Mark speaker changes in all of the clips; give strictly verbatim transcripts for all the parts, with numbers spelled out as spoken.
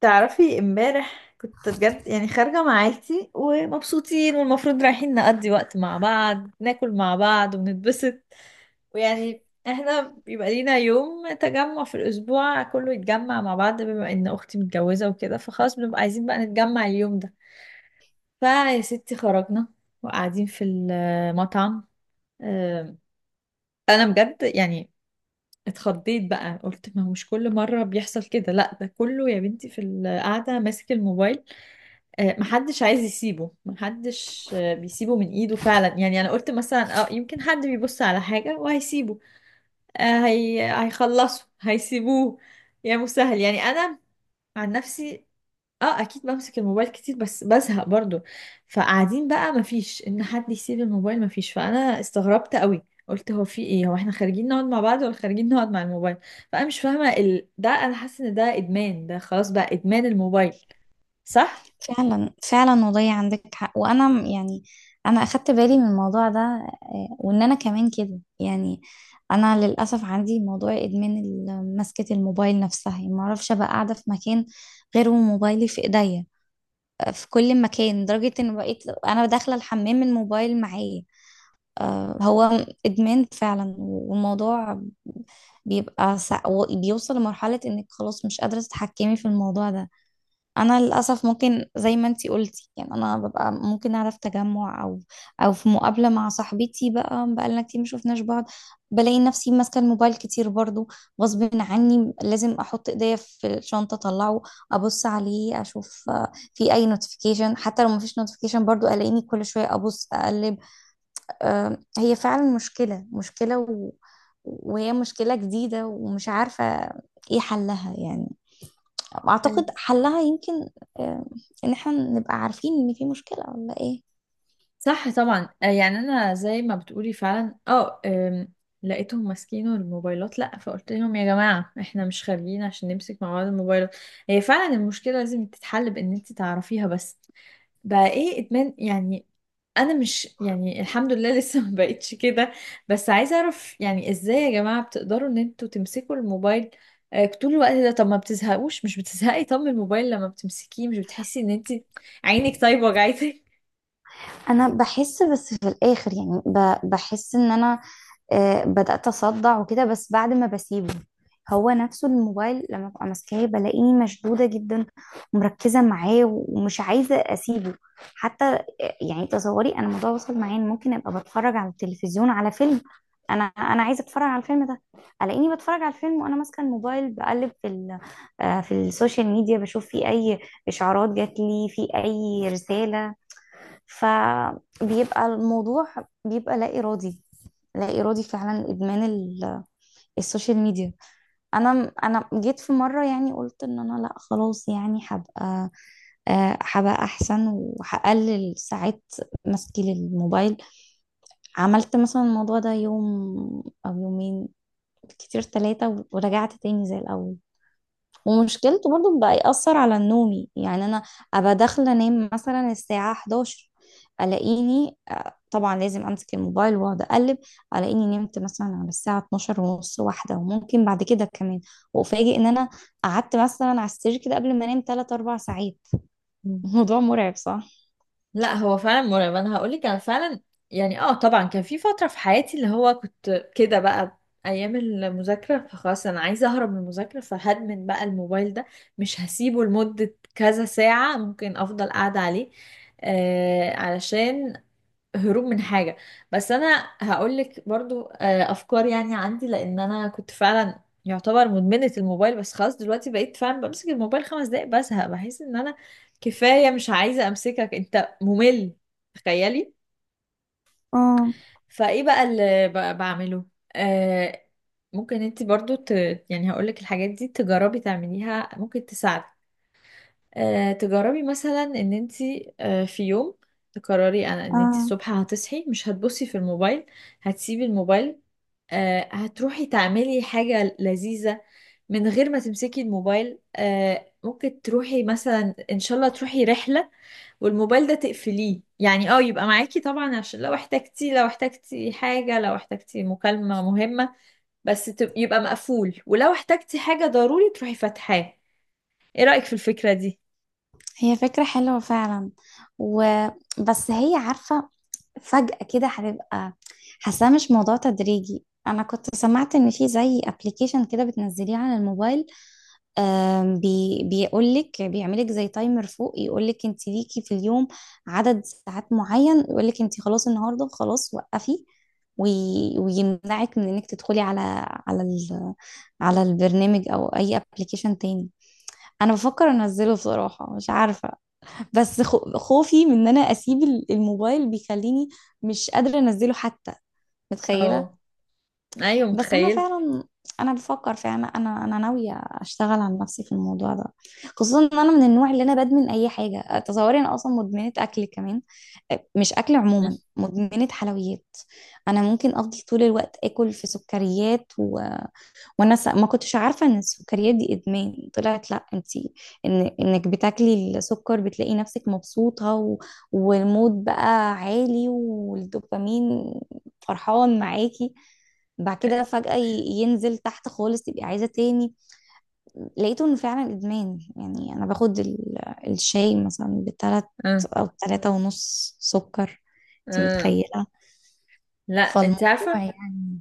Speaker 1: تعرفي امبارح كنت بجد، يعني خارجة مع عيلتي ومبسوطين، والمفروض رايحين نقضي وقت مع بعض، ناكل مع بعض ونتبسط. ويعني احنا بيبقى لينا يوم تجمع في الأسبوع كله يتجمع مع بعض، بما إن أختي متجوزة وكده، فخلاص بنبقى عايزين بقى نتجمع اليوم ده. فيا ستي، خرجنا وقاعدين في المطعم. أم، أنا بجد يعني اتخضيت بقى، قلت ما هو مش كل مرة بيحصل كده، لا ده كله يا بنتي في القعدة ماسك الموبايل. آه، محدش عايز يسيبه، محدش آه، بيسيبه من ايده فعلا. يعني انا قلت مثلا اه يمكن حد بيبص على حاجة وهيسيبه. آه، هي... هيخلصه هيسيبوه. يا مسهل. يعني انا عن نفسي اه اكيد بمسك الموبايل كتير، بس بزهق برضو. فقاعدين بقى مفيش ان حد يسيب الموبايل، مفيش. فانا استغربت قوي، قلت هو في ايه؟ هو احنا خارجين نقعد مع بعض ولا خارجين نقعد مع الموبايل؟ فانا مش فاهمة ال... ده انا حاسة ان ده ادمان، ده خلاص بقى ادمان الموبايل. صح.
Speaker 2: فعلا فعلا والله عندك حق. وانا م- يعني انا اخدت بالي من الموضوع ده. آه، وان انا كمان كده يعني انا للاسف عندي موضوع ادمان ال- مسكة الموبايل نفسها، يعني ما اعرفش ابقى قاعده في مكان غير وموبايلي في ايديا في كل مكان، لدرجة ان بقيت انا داخلة الحمام الموبايل معايا. آه، هو ادمان فعلا. والموضوع بيبقى سا... بيوصل لمرحلة انك خلاص مش قادرة تتحكمي في الموضوع ده. انا للاسف ممكن زي ما انتي قلتي، يعني انا ببقى ممكن اعرف تجمع او او في مقابله مع صاحبتي بقى بقالنا كتير ما شفناش بعض، بلاقي نفسي ماسكه الموبايل كتير برضو غصب عني. لازم احط ايديا في الشنطه، اطلعه ابص عليه اشوف آه، في اي نوتيفيكيشن. حتى لو ما فيش نوتيفيكيشن برضو الاقيني كل شويه ابص اقلب. آه، هي فعلا مشكله مشكله و... وهي مشكله جديده ومش عارفه ايه حلها. يعني اعتقد حلها يمكن آه، ان احنا نبقى عارفين ان في مشكلة ولا ايه.
Speaker 1: صح طبعا آه، يعني انا زي ما بتقولي فعلا اه آم، لقيتهم ماسكينه الموبايلات، لا فقلت لهم يا جماعه احنا مش خارجين عشان نمسك مع بعض الموبايلات. هي فعلا المشكله لازم تتحل بان انت تعرفيها، بس بقى ايه ادمان يعني. انا مش يعني الحمد لله لسه ما بقتش كده. بس عايزه اعرف يعني ازاي يا جماعه بتقدروا ان انتوا تمسكوا الموبايل آه، طول الوقت ده؟ طب ما بتزهقوش؟ مش بتزهقي طب من الموبايل؟ لما بتمسكيه مش بتحسي ان انت عينك طيب وجعتك؟
Speaker 2: انا بحس، بس في الاخر يعني ب- بحس ان انا آه، بدأت أصدع وكده، بس بعد ما بسيبه. هو نفسه الموبايل لما ببقى ماسكاه بلاقيني مشدودة جدا ومركزة معاه ومش عايزة أسيبه حتى. آه، يعني تصوري، أنا الموضوع وصل معايا إن ممكن أبقى بتفرج على التلفزيون على فيلم، أنا أنا عايزة أتفرج على الفيلم ده، ألاقيني بتفرج على الفيلم وأنا ماسكة الموبايل بقلب في ال آه، في السوشيال ميديا، بشوف في أي إشعارات جات لي، في أي رسالة. فبيبقى الموضوع بيبقى لا إرادي، لا إرادي فعلا. إدمان ال- السوشيال ميديا. أنا أنا جيت في مرة، يعني قلت إن أنا لا خلاص، يعني هبقى آه، هبقى أحسن وهقلل ساعات مسكي للموبايل. عملت مثلا الموضوع ده يوم أو يومين، كتير ثلاثة، ورجعت تاني زي الأول. ومشكلته برضو بقى يأثر على نومي، يعني أنا أبقى داخلة أنام مثلا الساعة الحادية عشرة، ألاقيني آه، طبعا لازم أمسك الموبايل وأقعد أقلب، ألاقيني نمت مثلا على الساعة اتناشر ونص واحدة، وممكن بعد كده كمان، وأفاجئ إن أنا قعدت مثلا على السرير كده قبل ما أنام ثلاثة اربعة ساعات. الموضوع مرعب، صح؟
Speaker 1: لا هو فعلا مرعب. انا هقول لك انا فعلا يعني اه طبعا كان في فتره في حياتي اللي هو كنت كده بقى، ايام المذاكره، فخلاص انا عايزه اهرب من المذاكره، فهدمن بقى الموبايل ده، مش هسيبه لمده كذا ساعه، ممكن افضل قاعده عليه. آه علشان هروب من حاجة. بس أنا هقولك برضو آه، أفكار يعني عندي، لأن أنا كنت فعلا يعتبر مدمنة الموبايل، بس خلاص دلوقتي بقيت فعلا بمسك الموبايل خمس دقايق بزهق، بحس إن أنا كفاية، مش عايزة أمسكك، أنت ممل. تخيلي.
Speaker 2: اه
Speaker 1: فإيه بقى اللي ب- بعمله؟ آه ممكن انت برضو ت... يعني هقولك الحاجات دي تجربي تعمليها، ممكن تساعدك. آه، تجربي مثلا ان انت آه، في يوم تقرري انا ان انت
Speaker 2: اه.
Speaker 1: الصبح هتصحي مش هتبصي في الموبايل، هتسيبي الموبايل. آه، هتروحي تعملي حاجة لذيذة من غير ما تمسكي الموبايل. آه، ممكن تروحي مثلا ان شاء الله تروحي رحلة، والموبايل ده تقفليه، يعني اه يبقى معاكي طبعا، عشان لو احتجتي، لو احتجتي حاجة، لو احتجتي مكالمة مهمة، بس تب- يبقى مقفول، ولو احتجتي حاجة ضروري تروحي فاتحاه. ايه رأيك في الفكرة دي؟
Speaker 2: هي فكرة حلوة فعلا، وبس هي عارفة فجأة كده هتبقى حاساه، مش موضوع تدريجي. انا كنت سمعت ان في زي ابلكيشن كده بتنزليه على الموبايل، آم، بي بيقول لك، بيعملك زي تايمر فوق يقول لك انت ليكي في اليوم عدد ساعات معين، يقول لك انت خلاص النهارده خلاص وقفي، وي- ويمنعك من انك تدخلي على على ال على البرنامج او اي ابلكيشن تاني. انا بفكر انزله بصراحة، مش عارفة، بس خو- خوفي من ان انا اسيب ال- الموبايل بيخليني مش قادره انزله حتى، متخيله.
Speaker 1: اه ايوه،
Speaker 2: بس انا
Speaker 1: متخيل.
Speaker 2: فعلا انا بفكر فعلا، انا انا ناويه اشتغل على نفسي في الموضوع ده، خصوصا ان انا من النوع اللي انا بدمن اي حاجه. تصوري، انا اصلا مدمنه اكل كمان. مش اكل عموما، مدمنه حلويات. انا ممكن افضل طول الوقت اكل في سكريات و... وانا س- ما كنتش عارفه ان السكريات دي ادمان. طلعت لا انتي، ان انك بتاكلي السكر بتلاقي نفسك مبسوطه و... والمود بقى عالي والدوبامين فرحان معاكي، بعد كده فجأة ي- ينزل تحت خالص، تبقي عايزة تاني. لقيته انه فعلا ادمان. يعني انا باخد ال- الشاي مثلا بتلات
Speaker 1: اه.
Speaker 2: او تلاتة ونص سكر، انتي
Speaker 1: اه
Speaker 2: متخيلة؟
Speaker 1: لا انت
Speaker 2: فالموضوع
Speaker 1: عارفه،
Speaker 2: يعني.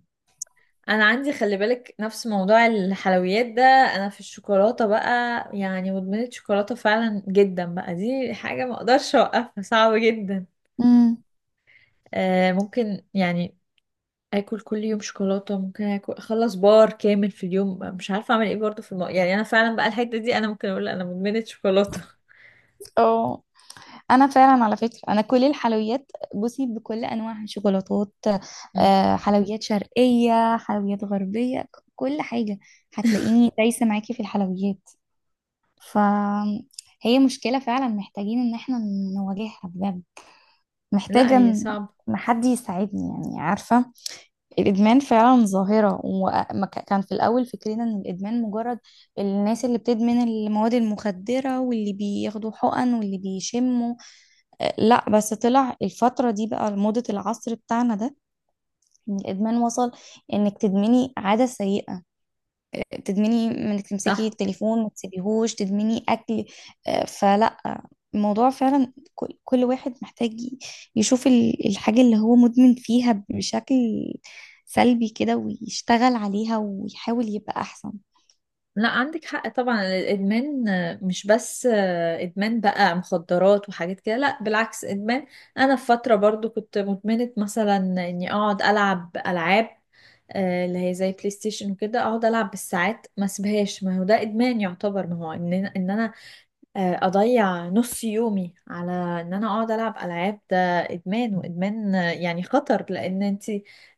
Speaker 1: انا عندي، خلي بالك، نفس موضوع الحلويات ده، انا في الشوكولاته بقى، يعني مدمنه شوكولاته فعلا جدا بقى. دي حاجه ما اقدرش اوقفها، صعبه جدا.
Speaker 2: مم.
Speaker 1: آه ممكن يعني اكل كل يوم شوكولاته، ممكن اكل اخلص بار كامل في اليوم، مش عارفه اعمل ايه برضو في الم... يعني انا فعلا بقى الحته دي انا ممكن اقول انا مدمنه شوكولاته.
Speaker 2: اه. انا فعلا على فكره انا كل الحلويات، بصي، بكل انواعها، شوكولاتات
Speaker 1: م.
Speaker 2: آه، حلويات شرقيه، حلويات غربيه، ك- كل حاجه هتلاقيني دايسه معاكي في الحلويات. فهي مشكله فعلا، محتاجين ان احنا نواجهها بجد.
Speaker 1: لا
Speaker 2: محتاجه
Speaker 1: هي
Speaker 2: إن
Speaker 1: صعبه.
Speaker 2: حد يساعدني، يعني عارفه الادمان فعلا ظاهره. وكان في الاول فكرنا ان الادمان مجرد الناس اللي بتدمن المواد المخدره واللي بياخدوا حقن واللي بيشموا، لا بس طلع الفترة دي بقى موضة العصر بتاعنا ده، إن الإدمان وصل إنك تدمني عادة سيئة، تدمني إنك تمسكي
Speaker 1: صح.
Speaker 2: التليفون ما تسيبيهوش، تدمني أكل. آه، فلا، الموضوع فعلا، كل كل واحد محتاج يشوف ال- الحاجة اللي هو مدمن فيها بشكل سلبي كده، ويشتغل عليها ويحاول يبقى أحسن.
Speaker 1: لا عندك حق طبعا، الادمان مش بس ادمان بقى مخدرات وحاجات كده، لا بالعكس ادمان. انا في فتره برضو كنت مدمنه مثلا اني اقعد العب العاب آه، اللي هي زي بلاي ستيشن وكده اقعد العب بالساعات ما اسيبهاش. ما هو ده ادمان يعتبر، ما هو ان انا إن أنا، آه، اضيع نص يومي على ان انا اقعد العب العاب، ده ادمان. وادمان آه، يعني خطر، لان انت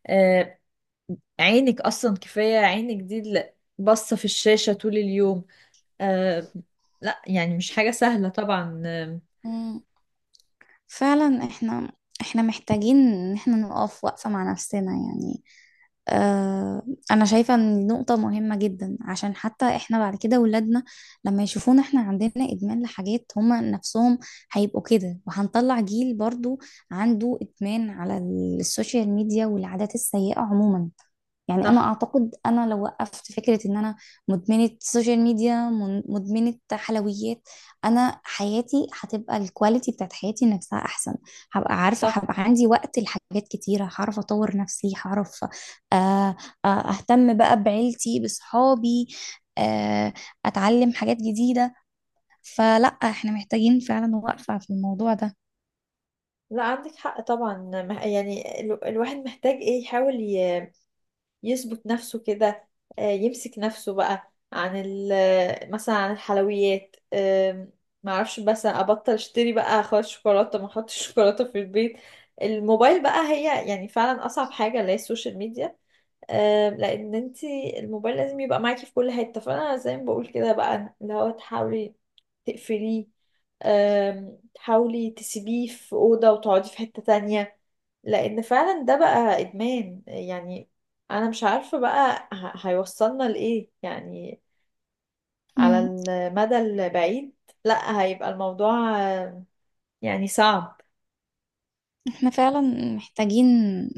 Speaker 1: آه، عينك اصلا كفايه، عينك دي اللي باصه في الشاشه طول اليوم آه لا يعني مش حاجة سهلة طبعا آه،
Speaker 2: مم. فعلا، إحنا إحنا محتاجين إن إحنا نقف وقفة مع نفسنا، يعني آه، انا شايفة ان دي نقطة مهمة جدا، عشان حتى احنا بعد كده ولادنا لما يشوفونا احنا عندنا ادمان لحاجات، هما نفسهم هيبقوا كده، وهنطلع جيل برضو عنده ادمان على السوشيال ميديا والعادات السيئة عموما. يعني انا
Speaker 1: صح.
Speaker 2: اعتقد انا لو وقفت فكرة ان انا مدمنة سوشيال ميديا، من- مدمنة حلويات، انا حياتي هتبقى الكواليتي بتاعت حياتي نفسها احسن. هبقى عارفة،
Speaker 1: صح.
Speaker 2: هبقى عندي وقت لحاجات كتيرة، هعرف اطور نفسي، هعرف آه، آه، اهتم بقى بعيلتي، بصحابي، آه، اتعلم حاجات جديدة. فلا، احنا محتاجين فعلا وقفة في الموضوع ده.
Speaker 1: لا عندك حق طبعا. مه- يعني ال- الواحد محتاج ايه؟ يحاول ي- يظبط نفسه كده. آه، يمسك نفسه بقى عن ال- مثلا عن الحلويات. آم، معرفش، بس ابطل اشتري بقى خالص شوكولاتة، ما احطش شوكولاتة في البيت. الموبايل بقى، هي يعني فعلا اصعب حاجة، اللي هي السوشيال ميديا. آه، لان انت الموبايل لازم يبقى معاكي في كل حته. فانا زي ما بقول كده بقى، اللي هو تحاولي تقفليه. آم، تحاولي تسيبيه في اوضه وتقعدي في حته تانية. لان فعلا ده بقى ادمان. يعني انا مش عارفه بقى ه- هيوصلنا لايه يعني على
Speaker 2: مم.
Speaker 1: المدى البعيد. لا هيبقى الموضوع آه، يعني صعب.
Speaker 2: احنا فعلا محتاجين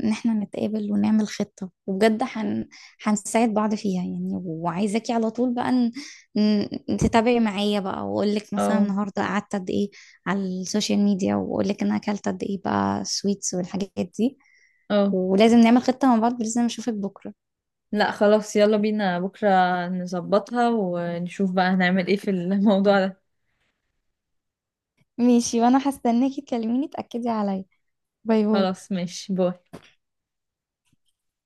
Speaker 2: ان احنا نتقابل ونعمل خطة، وبجد هن... هنساعد بعض فيها، يعني. وعايزاكي على طول بقى ن... ن- تتابعي معايا بقى، واقول لك مثلا
Speaker 1: اه.
Speaker 2: النهارده قعدت قد ايه على السوشيال ميديا، واقول لك انا اكلت قد ايه بقى سويتس والحاجات دي.
Speaker 1: اه
Speaker 2: ولازم نعمل خطة مع بعض، لازم اشوفك بكرة.
Speaker 1: لا خلاص، يلا بينا بكرة نظبطها ونشوف بقى هنعمل ايه في الموضوع ده.
Speaker 2: ماشي، وانا هستناكي تكلميني تأكدي عليا. باي باي.
Speaker 1: خلاص، ماشي، باي.